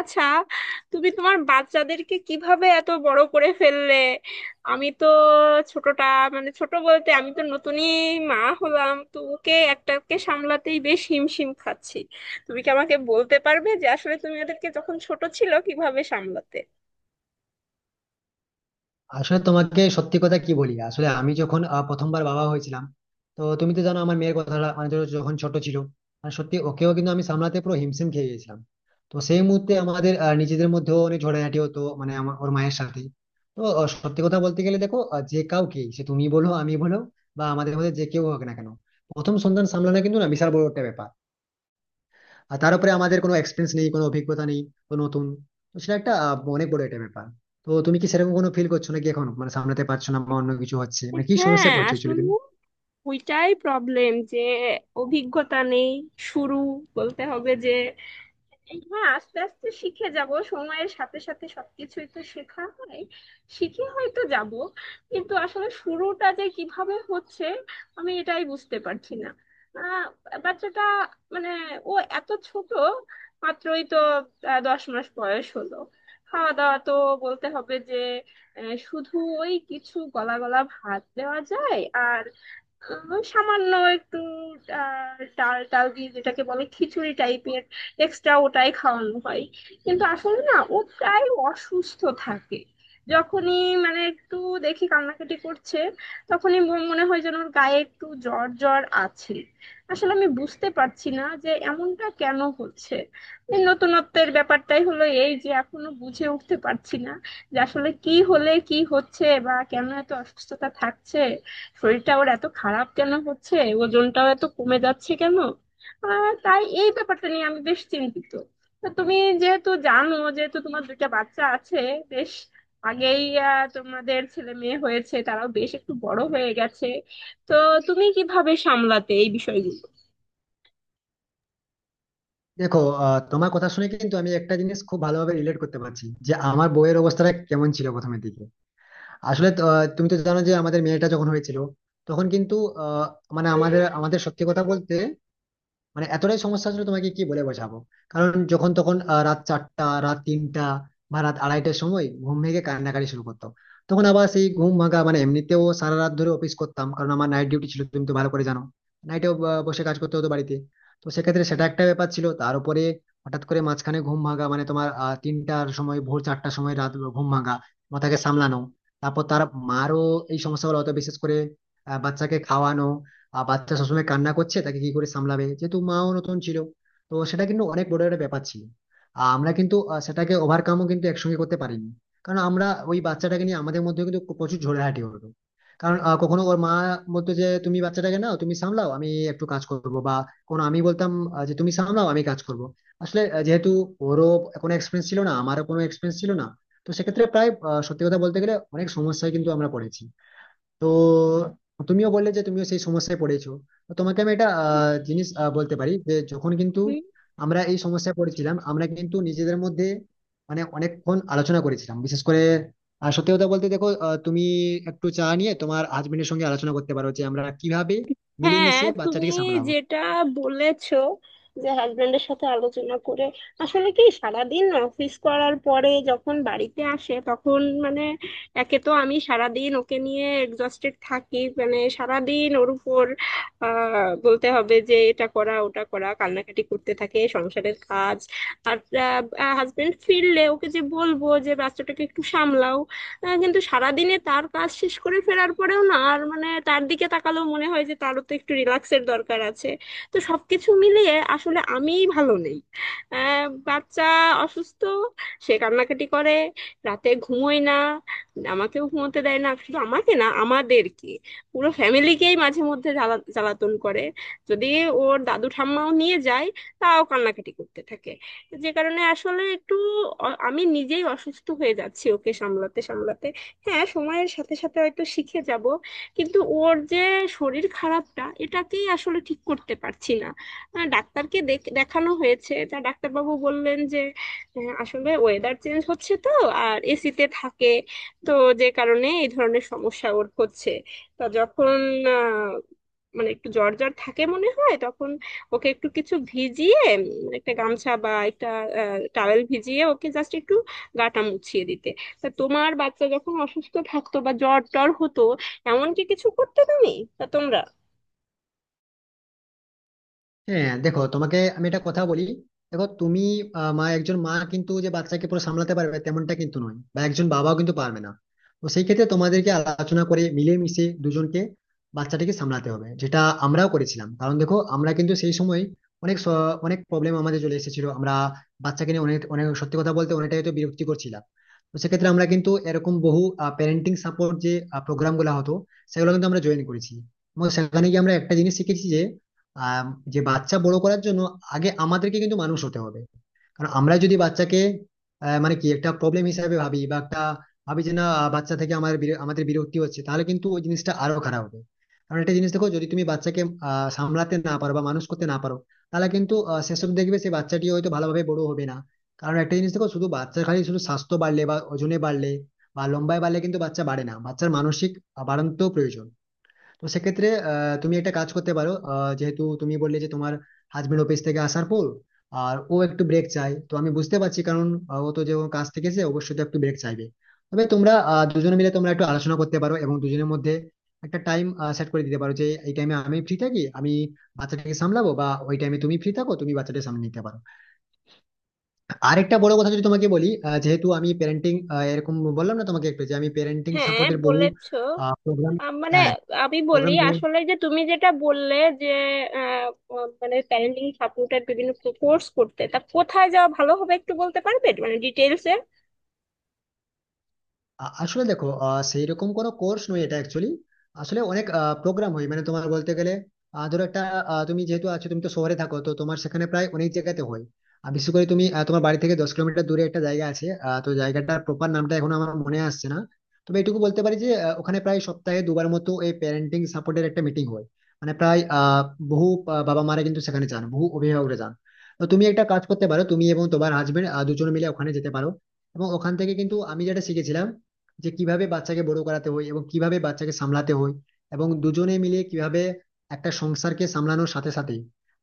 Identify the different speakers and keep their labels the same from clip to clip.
Speaker 1: আচ্ছা, তুমি তোমার বাচ্চাদেরকে কিভাবে এত বড় করে ফেললে? আমি তো ছোটটা, মানে ছোট বলতে আমি তো নতুনই মা হলাম, তো ওকে একটাকে সামলাতেই বেশ হিমশিম খাচ্ছি। তুমি কি আমাকে বলতে পারবে যে আসলে তুমি ওদেরকে যখন ছোট ছিল কিভাবে সামলাতে?
Speaker 2: আসলে তোমাকে সত্যি কথা কি বলি, আসলে আমি যখন প্রথমবার বাবা হয়েছিলাম, তো তুমি তো জানো আমার মেয়ের কথাটা, মানে ধরো যখন ছোট ছিল, মানে সত্যি ওকেও কিন্তু আমি সামলাতে পুরো হিমশিম খেয়ে গেছিলাম। তো সেই মুহূর্তে আমাদের নিজেদের মধ্যেও অনেক ঝগড়াঝাটি হতো, মানে আমার ওর মায়ের সাথে। তো সত্যি কথা বলতে গেলে দেখো, যে কাউকে, সে তুমি বলো আমি বলো, বা আমাদের মধ্যে যে কেউ হোক না কেন, প্রথম সন্তান সামলানো কিন্তু না বিশাল বড় একটা ব্যাপার। আর তার উপরে আমাদের কোনো এক্সপিরিয়েন্স নেই, কোনো অভিজ্ঞতা নেই, তো নতুন। তো সেটা একটা অনেক বড় একটা ব্যাপার। তো তুমি কি সেরকম কোনো ফিল করছো নাকি এখন, মানে সামলাতে পারছো না বা অন্য কিছু হচ্ছে, মানে কি সমস্যায়
Speaker 1: হ্যাঁ,
Speaker 2: পড়ছো
Speaker 1: আসলে
Speaker 2: অ্যাকচুয়ালি তুমি?
Speaker 1: ওইটাই প্রবলেম যে অভিজ্ঞতা নেই। শুরু বলতে হবে যে হ্যাঁ, আস্তে আস্তে শিখে যাব, সময়ের সাথে সাথে সবকিছুই তো শেখা হয়। শিখে হয়তো যাব, কিন্তু আসলে শুরুটা যে কিভাবে হচ্ছে আমি এটাই বুঝতে পারছি না। আহ বাচ্চাটা মানে ও এত ছোট, মাত্রই তো 10 মাস বয়স হলো। খাওয়া দাওয়া তো বলতে হবে যে শুধু ওই কিছু গলা গলা ভাত দেওয়া যায়, আর সামান্য একটু ডাল টাল দিয়ে যেটাকে বলে খিচুড়ি টাইপের এক্সট্রা ওটাই খাওয়ানো হয়। কিন্তু আসলে না, ও প্রায় অসুস্থ থাকে। যখনই মানে একটু দেখি কান্নাকাটি করছে তখনই মনে হয় যেন ওর গায়ে একটু জ্বর জ্বর আছে। আসলে আমি বুঝতে পারছি না যে এমনটা কেন হচ্ছে। এই নতুনত্বের ব্যাপারটাই হলো এই যে এখনো বুঝে উঠতে পারছি না যে আসলে কি হলে কি হচ্ছে বা কেন এত অসুস্থতা থাকছে, শরীরটা ওর এত খারাপ কেন হচ্ছে, ওজনটাও এত কমে যাচ্ছে কেন। তাই এই ব্যাপারটা নিয়ে আমি বেশ চিন্তিত। তা তুমি যেহেতু জানো, যেহেতু তোমার দুইটা বাচ্চা আছে, বেশ আগেই তোমাদের ছেলে মেয়ে হয়েছে, তারাও বেশ একটু বড় হয়ে গেছে, তো তুমি কিভাবে সামলাতে এই বিষয়গুলো?
Speaker 2: দেখো, তোমার কথা শুনে কিন্তু আমি একটা জিনিস খুব ভালোভাবে রিলেট করতে পারছি যে আমার বইয়ের অবস্থাটা কেমন ছিল প্রথমের দিকে। আসলে তো, তুমি তো জানো যে আমাদের মেয়েটা যখন হয়েছিল তখন কিন্তু আহ, মানে আমাদের আমাদের সত্যি কথা বলতে মানে এতটাই সমস্যা ছিল তোমাকে কি বলে বোঝাবো। কারণ যখন তখন রাত 4টা রাত 3টা বা রাত আড়াইটার সময় ঘুম ভেঙে কান্নাকাটি শুরু করতো। তখন আবার সেই ঘুম ভাঙা, মানে এমনিতেও সারা রাত ধরে অফিস করতাম, কারণ আমার নাইট ডিউটি ছিল, তুমি তো ভালো করে জানো নাইটেও বসে কাজ করতে হতো বাড়িতে। তো সেক্ষেত্রে সেটা একটা ব্যাপার ছিল, তার উপরে হঠাৎ করে মাঝখানে ঘুম ভাঙা, মানে তোমার 3টার সময় ভোর 4টার সময় রাত ঘুম ভাঙা, মাথাকে সামলানো, তারপর তার মারও এই সমস্যাগুলো হতো, বিশেষ করে বাচ্চাকে খাওয়ানো। আর বাচ্চা সবসময় কান্না করছে, তাকে কি করে সামলাবে, যেহেতু মাও নতুন ছিল। তো সেটা কিন্তু অনেক বড় একটা ব্যাপার ছিল। আর আমরা কিন্তু সেটাকে ওভারকামও কিন্তু একসঙ্গে করতে পারিনি, কারণ আমরা ওই বাচ্চাটাকে নিয়ে আমাদের মধ্যে কিন্তু প্রচুর ঝগড়াঝাটি হলো। কারণ কখনো ওর মা বলতো যে তুমি বাচ্চাটাকে নাও, তুমি সামলাও, আমি একটু কাজ করবো, বা কোনো আমি বলতাম যে তুমি সামলাও আমি কাজ করবো। আসলে যেহেতু ওরও কোনো এক্সপিরিয়েন্স ছিল না, আমারও কোনো এক্সপিরিয়েন্স ছিল না, তো সেক্ষেত্রে প্রায় সত্যি কথা বলতে গেলে অনেক সমস্যায় কিন্তু আমরা পড়েছি। তো তুমিও বললে যে তুমিও সেই সমস্যায় পড়েছো। তো তোমাকে আমি একটা জিনিস বলতে পারি, যে যখন কিন্তু আমরা এই সমস্যায় পড়েছিলাম, আমরা কিন্তু নিজেদের মধ্যে মানে অনেকক্ষণ আলোচনা করেছিলাম, বিশেষ করে সত্যি কথা বলতে দেখো, তুমি একটু চা নিয়ে তোমার হাজবেন্ডের সঙ্গে আলোচনা করতে পারো যে আমরা কিভাবে
Speaker 1: হ্যাঁ,
Speaker 2: মিলেমিশে
Speaker 1: তুমি
Speaker 2: বাচ্চাটিকে সামলাবো।
Speaker 1: যেটা বলেছো যে হাজবেন্ডের সাথে আলোচনা করে, আসলে কি সারাদিন অফিস করার পরে যখন বাড়িতে আসে তখন মানে একে তো আমি সারাদিন ওকে নিয়ে এক্সস্টেড থাকি, মানে সারাদিন ওর উপর বলতে হবে যে এটা করা ওটা করা কান্নাকাটি করতে থাকে, সংসারের কাজ, আর হাজবেন্ড ফিরলে ওকে যে বলবো যে বাচ্চাটাকে একটু সামলাও, কিন্তু সারাদিনে তার কাজ শেষ করে ফেরার পরেও না, আর মানে তার দিকে তাকালেও মনে হয় যে তারও তো একটু রিল্যাক্সের দরকার আছে। তো সবকিছু মিলিয়ে আসলে আমিই ভালো নেই। বাচ্চা অসুস্থ, সে কান্নাকাটি করে, রাতে ঘুমোয় না, আমাকেও ঘুমোতে দেয় না, শুধু আমাকে না, আমাদেরকে পুরো ফ্যামিলিকেই মাঝে মধ্যে জ্বালাতন করে। যদি ওর দাদু ঠাম্মাও নিয়ে যায় তাও কান্নাকাটি করতে থাকে, যে কারণে আসলে একটু আমি নিজেই অসুস্থ হয়ে যাচ্ছি ওকে সামলাতে সামলাতে। হ্যাঁ, সময়ের সাথে সাথে হয়তো শিখে যাব, কিন্তু ওর যে শরীর খারাপটা, এটাকেই আসলে ঠিক করতে পারছি না। ডাক্তারকে দেখানো হয়েছে, তা ডাক্তারবাবু বললেন যে আসলে ওয়েদার চেঞ্জ হচ্ছে তো, আর এসিতে থাকে, তো যে কারণে এই ধরনের সমস্যা ওর হচ্ছে। তা যখন আহ, মানে একটু জ্বর জ্বর থাকে মনে হয় তখন ওকে একটু কিছু ভিজিয়ে, একটা গামছা বা একটা টাওয়েল ভিজিয়ে ওকে জাস্ট একটু গাটা মুছিয়ে দিতে। তা তোমার বাচ্চা যখন অসুস্থ থাকতো বা জ্বর টর হতো এমন কি কিছু করতে তুমি, তা তোমরা?
Speaker 2: হ্যাঁ, দেখো তোমাকে আমি একটা কথা বলি। দেখো তুমি, মা, একজন মা কিন্তু যে বাচ্চাকে পুরো সামলাতে পারবে তেমনটা কিন্তু নয়, বা একজন বাবাও কিন্তু পারবে না। তো সেই ক্ষেত্রে তোমাদেরকে আলোচনা করে মিলেমিশে দুজনকে বাচ্চাটিকে সামলাতে হবে, যেটা আমরাও করেছিলাম। কারণ দেখো আমরা কিন্তু সেই সময় অনেক অনেক প্রবলেম আমাদের চলে এসেছিল, আমরা বাচ্চাকে নিয়ে অনেক অনেক সত্যি কথা বলতে অনেকটাই হয়তো বিরক্তি করছিলাম। তো সেক্ষেত্রে আমরা কিন্তু এরকম বহু প্যারেন্টিং সাপোর্ট, যে প্রোগ্রাম গুলো হতো সেগুলো কিন্তু আমরা জয়েন করেছি, এবং সেখানে গিয়ে আমরা একটা জিনিস শিখেছি, আহ যে বাচ্চা বড় করার জন্য আগে আমাদেরকে কিন্তু মানুষ হতে হবে। কারণ আমরা যদি বাচ্চাকে মানে কি একটা প্রবলেম হিসাবে ভাবি, বা একটা ভাবি যে না, বাচ্চা থেকে আমার আমাদের বিরক্তি হচ্ছে, তাহলে কিন্তু ওই জিনিসটা আরো খারাপ হবে। কারণ একটা জিনিস দেখো, যদি তুমি বাচ্চাকে সামলাতে না পারো বা মানুষ করতে না পারো, তাহলে কিন্তু সেসব দেখবে সেই বাচ্চাটি হয়তো ভালোভাবে বড় হবে না। কারণ একটা জিনিস দেখো, শুধু বাচ্চার খালি শুধু স্বাস্থ্য বাড়লে বা ওজনে বাড়লে বা লম্বায় বাড়লে কিন্তু বাচ্চা বাড়ে না, বাচ্চার মানসিক বাড়ন্ত প্রয়োজন। তো সেক্ষেত্রে তুমি একটা কাজ করতে পারো, যেহেতু তুমি বললে যে তোমার হাজবেন্ড অফিস থেকে আসার পর আর ও একটু ব্রেক চায়, তো আমি বুঝতে পারছি, কারণ ও তো যে কাজ থেকে এসে অবশ্যই তো একটু ব্রেক চাইবে। তবে তোমরা দুজনে মিলে তোমরা একটু আলোচনা করতে পারো এবং দুজনের মধ্যে একটা টাইম সেট করে দিতে পারো যে এই টাইমে আমি ফ্রি থাকি আমি বাচ্চাটাকে সামলাবো, বা ওই টাইমে তুমি ফ্রি থাকো তুমি বাচ্চাটাকে সামলে নিতে পারো। আরেকটা বড় কথা যদি তোমাকে বলি, যেহেতু আমি প্যারেন্টিং এরকম বললাম না তোমাকে একটু, যে আমি প্যারেন্টিং
Speaker 1: হ্যাঁ,
Speaker 2: সাপোর্টের বহু
Speaker 1: বলেছো।
Speaker 2: প্রোগ্রাম,
Speaker 1: মানে
Speaker 2: হ্যাঁ
Speaker 1: আমি বলি
Speaker 2: প্রোগ্রাম।
Speaker 1: আসলে যে তুমি যেটা বললে যে আহ, আহ, মানে প্যারেন্টিং সাপোর্টের বিভিন্ন কোর্স করতে, তা কোথায় যাওয়া ভালো হবে একটু বলতে পারবে মানে ডিটেলস?
Speaker 2: আসলে দেখো, সেই রকম কোনো কোর্স নয় এটা অ্যাকচুয়ালি। আসলে অনেক প্রোগ্রাম হয়, মানে তোমার বলতে গেলে ধরো একটা, তুমি যেহেতু আছো তুমি তো শহরে থাকো, তো তোমার সেখানে প্রায় অনেক জায়গাতে হয়। আর বিশেষ করে তুমি, তোমার বাড়ি থেকে 10 কিলোমিটার দূরে একটা জায়গা আছে, তো জায়গাটার প্রপার নামটা এখনো আমার মনে আসছে না। তবে এটুকু বলতে পারি যে ওখানে প্রায় সপ্তাহে দুবার মতো এই প্যারেন্টিং সাপোর্টের একটা মিটিং হয়। মানে প্রায় বহু বাবা মারা কিন্তু সেখানে যান, বহু অভিভাবকরা যান। তো তুমি একটা কাজ করতে পারো, তুমি এবং তোমার হাজবেন্ড দুজন মিলে ওখানে যেতে পারো। এবং ওখান থেকে কিন্তু আমি যেটা শিখেছিলাম, যে কিভাবে বাচ্চাকে বড় করাতে হয় এবং কিভাবে বাচ্চাকে সামলাতে হয়, এবং দুজনে মিলে কিভাবে একটা সংসারকে সামলানোর সাথে সাথে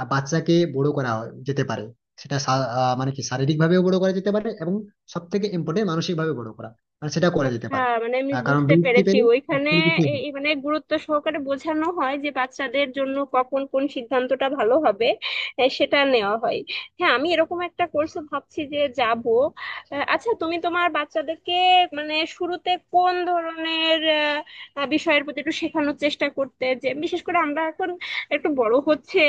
Speaker 2: বাচ্চাকে বড় যেতে পারে। সেটা মানে কি শারীরিক ভাবেও বড় করা যেতে পারে, এবং সব থেকে ইম্পর্টেন্ট মানসিক ভাবে বড় করা, মানে সেটা করা যেতে
Speaker 1: আচ্ছা,
Speaker 2: পারে।
Speaker 1: মানে আমি
Speaker 2: কারণ
Speaker 1: বুঝতে
Speaker 2: বৃত্তি
Speaker 1: পেরেছি
Speaker 2: পেলে
Speaker 1: ওইখানে
Speaker 2: actually কিছুই
Speaker 1: এ-
Speaker 2: হয় না।
Speaker 1: এ মানে গুরুত্ব সহকারে বোঝানো হয় যে বাচ্চাদের জন্য কখন কোন সিদ্ধান্তটা ভালো হবে, সেটা নেওয়া হয়। হ্যাঁ, আমি এরকম একটা কোর্সে ভাবছি যে যাব। আচ্ছা, তুমি তোমার বাচ্চাদেরকে মানে শুরুতে কোন ধরনের আহ, আহ, বিষয়ের প্রতি একটু শেখানোর চেষ্টা করতে, যে বিশেষ করে আমরা এখন একটু বড় হচ্ছে,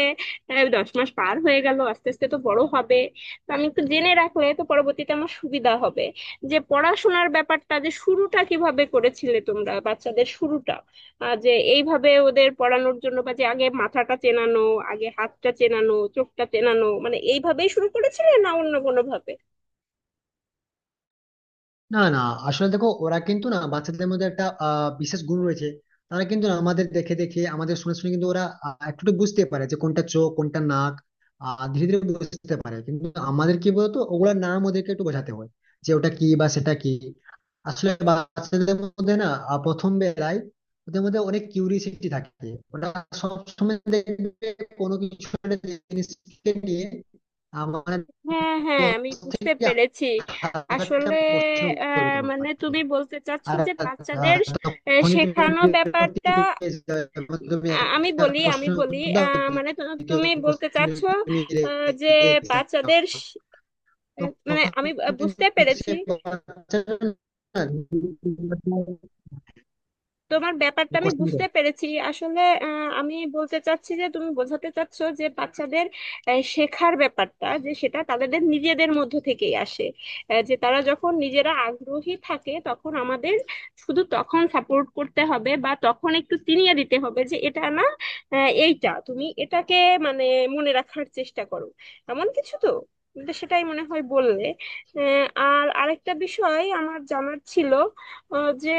Speaker 1: দশ মাস পার হয়ে গেল, আস্তে আস্তে তো বড় হবে, তো আমি একটু জেনে রাখলে তো পরবর্তীতে আমার সুবিধা হবে যে পড়াশোনার ব্যাপারটা, যে শুরুটা কিভাবে করেছিলে তোমরা বাচ্চাদের শুরুটা, যে এইভাবে ওদের পড়ানোর জন্য বা যে আগে মাথাটা চেনানো, আগে হাতটা চেনানো, চোখটা চেনানো, মানে এইভাবেই শুরু করেছিলে না অন্য কোনো ভাবে?
Speaker 2: না না, আসলে দেখো ওরা কিন্তু না, বাচ্চাদের মধ্যে একটা বিশেষ গুণ রয়েছে। তারা কিন্তু না আমাদের দেখে দেখে আমাদের শুনে শুনে কিন্তু ওরা একটু একটু বুঝতে পারে যে কোনটা চোখ কোনটা নাক। ধীরে ধীরে বুঝতে পারে, কিন্তু আমাদের কি বলতো, ওগুলোর নাম ওদেরকে একটু বোঝাতে হয়, যে ওটা কি বা সেটা কি। আসলে বাচ্চাদের মধ্যে না প্রথম বেলায় ওদের মধ্যে অনেক কিউরিসিটি থাকে। ওটা সবসময় দেখবে কোনো কিছু একটা জিনিসকে নিয়ে আমার
Speaker 1: হ্যাঁ, হ্যাঁ,
Speaker 2: দশ
Speaker 1: আমি বুঝতে
Speaker 2: থেকে
Speaker 1: পেরেছি
Speaker 2: হাজারটা
Speaker 1: আসলে।
Speaker 2: প্রশ্ন করবে
Speaker 1: মানে
Speaker 2: তোমাকে।
Speaker 1: তুমি বলতে চাচ্ছো
Speaker 2: আর
Speaker 1: যে বাচ্চাদের
Speaker 2: তখনই তুমি
Speaker 1: শেখানো
Speaker 2: বিরক্তি
Speaker 1: ব্যাপারটা।
Speaker 2: পেয়ে যাবে, যখন তুমি
Speaker 1: আমি
Speaker 2: একটা
Speaker 1: বলি,
Speaker 2: প্রশ্নের উত্তর দাও,
Speaker 1: মানে
Speaker 2: দ্বিতীয়
Speaker 1: তুমি বলতে
Speaker 2: প্রশ্নে
Speaker 1: চাচ্ছো
Speaker 2: তুমি
Speaker 1: যে
Speaker 2: রেগে যাও,
Speaker 1: বাচ্চাদের মানে
Speaker 2: তখন
Speaker 1: আমি
Speaker 2: কিন্তু
Speaker 1: বুঝতে
Speaker 2: সে
Speaker 1: পেরেছি।
Speaker 2: বাচ্চাটা
Speaker 1: তোমার ব্যাপারটা
Speaker 2: না,
Speaker 1: আমি
Speaker 2: question করে।
Speaker 1: বুঝতে পেরেছি আসলে। আমি বলতে চাচ্ছি যে তুমি বোঝাতে চাচ্ছো যে বাচ্চাদের শেখার ব্যাপারটা, যে সেটা তাদের নিজেদের মধ্য থেকেই আসে। যে তারা যখন নিজেরা আগ্রহী থাকে তখন আমাদের শুধু তখন সাপোর্ট করতে হবে বা তখন একটু চিনিয়ে দিতে হবে যে এটা না, এইটা তুমি এটাকে মানে মনে রাখার চেষ্টা করো, এমন কিছু তো, তুমি তো সেটাই মনে হয় বললে। আর আরেকটা বিষয় আমার জানার ছিল, যে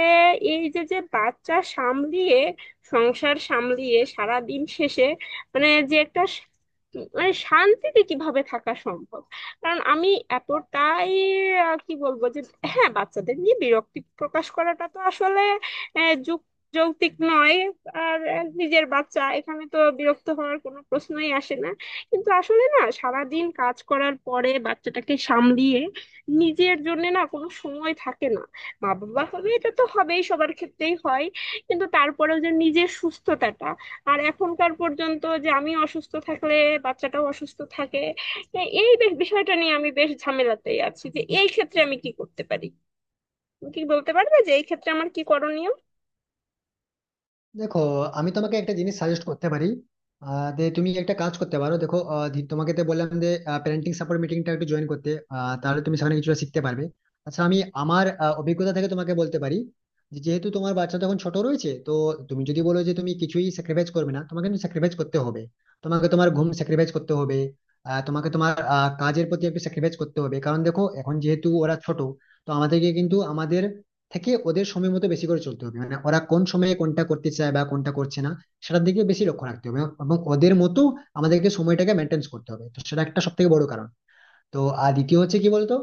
Speaker 1: এই যে যে বাচ্চা সামলিয়ে সংসার সামলিয়ে সারা দিন শেষে মানে যে একটা মানে শান্তিতে কিভাবে থাকা সম্ভব? কারণ আমি এতটাই কি বলবো যে, হ্যাঁ, বাচ্চাদের নিয়ে বিরক্তি প্রকাশ করাটা তো আসলে আহ, যুক যৌক্তিক নয়। আর নিজের বাচ্চা এখানে তো বিরক্ত হওয়ার কোনো প্রশ্নই আসে না। কিন্তু আসলে না সারাদিন কাজ করার পরে বাচ্চাটাকে সামলিয়ে নিজের জন্য না কোনো সময় থাকে না। মা বাবা হলে এটা তো হবেই, সবার ক্ষেত্রেই হয়, কিন্তু তারপরেও যে নিজের সুস্থতাটা, আর এখনকার পর্যন্ত যে আমি অসুস্থ থাকলে বাচ্চাটাও অসুস্থ থাকে, এই বিষয়টা নিয়ে আমি বেশ ঝামেলাতেই আছি যে এই ক্ষেত্রে আমি কি করতে পারি। তুমি কি বলতে পারবে যে এই ক্ষেত্রে আমার কি করণীয়?
Speaker 2: দেখো, আমি তোমাকে একটা জিনিস সাজেস্ট করতে পারি, যে তুমি একটা কাজ করতে পারো। দেখো, তোমাকে তো বললাম যে প্যারেন্টিং সাপোর্ট মিটিংটা একটু জয়েন করতে, তাহলে তুমি সেখানে কিছুটা শিখতে পারবে। আচ্ছা আমি আমার অভিজ্ঞতা থেকে তোমাকে বলতে পারি, যে যেহেতু তোমার বাচ্চা তখন ছোট রয়েছে, তো তুমি যদি বলো যে তুমি কিছুই স্যাক্রিফাইস করবে না, তোমাকে কিন্তু স্যাক্রিফাইস করতে হবে। তোমাকে তোমার ঘুম স্যাক্রিফাইস করতে হবে, তোমাকে তোমার কাজের প্রতি একটু স্যাক্রিফাইস করতে হবে, কারণ দেখো এখন যেহেতু ওরা ছোট। তো আমাদেরকে কিন্তু আমাদের থেকে ওদের সময় মতো বেশি করে চলতে হবে, মানে ওরা কোন সময়ে কোনটা করতে চায় বা কোনটা করছে না সেটার দিকে বেশি লক্ষ্য রাখতে হবে, এবং ওদের মতো আমাদেরকে সময়টাকে মেনটেন করতে হবে। তো সেটা একটা সব থেকে বড় কারণ। তো আর দ্বিতীয় হচ্ছে কি বলতো,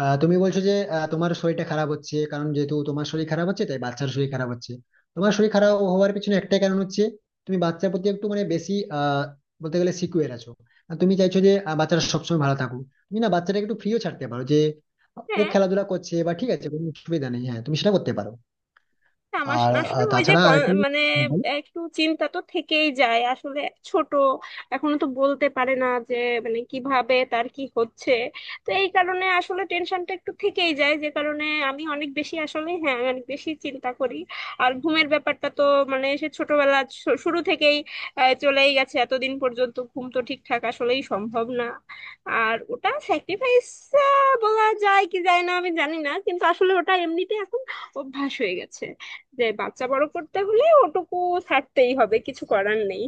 Speaker 2: তুমি বলছো যে তোমার শরীরটা খারাপ হচ্ছে, কারণ যেহেতু তোমার শরীর খারাপ হচ্ছে তাই বাচ্চার শরীর খারাপ হচ্ছে। তোমার শরীর খারাপ হওয়ার পিছনে একটাই কারণ হচ্ছে, তুমি বাচ্চার প্রতি একটু মানে বেশি বলতে গেলে সিকিউর আছো। আর তুমি চাইছো যে বাচ্চাটা সবসময় ভালো থাকুক। তুমি না বাচ্চাটাকে একটু ফ্রিও ছাড়তে পারো যে ও
Speaker 1: হ্যাঁ,
Speaker 2: খেলাধুলা করছে বা ঠিক আছে কোনো অসুবিধা নেই, হ্যাঁ তুমি সেটা করতে পারো।
Speaker 1: না, আমার
Speaker 2: আর
Speaker 1: আসলে ওই যে
Speaker 2: তাছাড়া আর একটু
Speaker 1: মানে একটু চিন্তা তো থেকেই যায় আসলে, ছোট এখনো তো বলতে পারে না যে মানে কিভাবে তার কি হচ্ছে, তো এই কারণে আসলে টেনশনটা একটু থেকেই যায়, যে কারণে আমি অনেক বেশি আসলে, হ্যাঁ, অনেক বেশি চিন্তা করি। আর ঘুমের ব্যাপারটা তো মানে সে ছোটবেলা শুরু থেকেই চলেই গেছে এতদিন পর্যন্ত, ঘুম তো ঠিকঠাক আসলেই সম্ভব না। আর ওটা স্যাক্রিফাইস বলা যায় কি যায় না আমি জানি না, কিন্তু আসলে ওটা এমনিতে এখন অভ্যাস হয়ে গেছে যে বাচ্চা বড় করতে হলে ওটুকু ছাড়তেই হবে, কিছু করার নেই।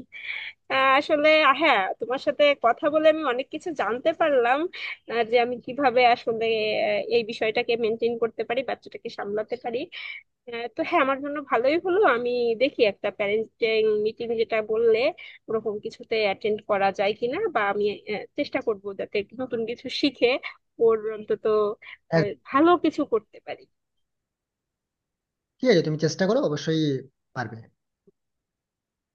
Speaker 1: আসলে, হ্যাঁ, তোমার সাথে কথা বলে আমি অনেক কিছু জানতে পারলাম। যে আমি কিভাবে আসলে এই বিষয়টাকে মেনটেন করতে পারি, বাচ্চাটাকে সামলাতে পারি। তো হ্যাঁ, আমার জন্য ভালোই হলো, আমি দেখি একটা প্যারেন্টিং মিটিং যেটা বললে ওরকম কিছুতে অ্যাটেন্ড করা যায় কিনা, বা আমি চেষ্টা করবো যাতে একটু নতুন কিছু শিখে ওর অন্তত আহ, ভালো কিছু করতে পারি।
Speaker 2: ঠিক আছে, তুমি চেষ্টা করো, অবশ্যই পারবে।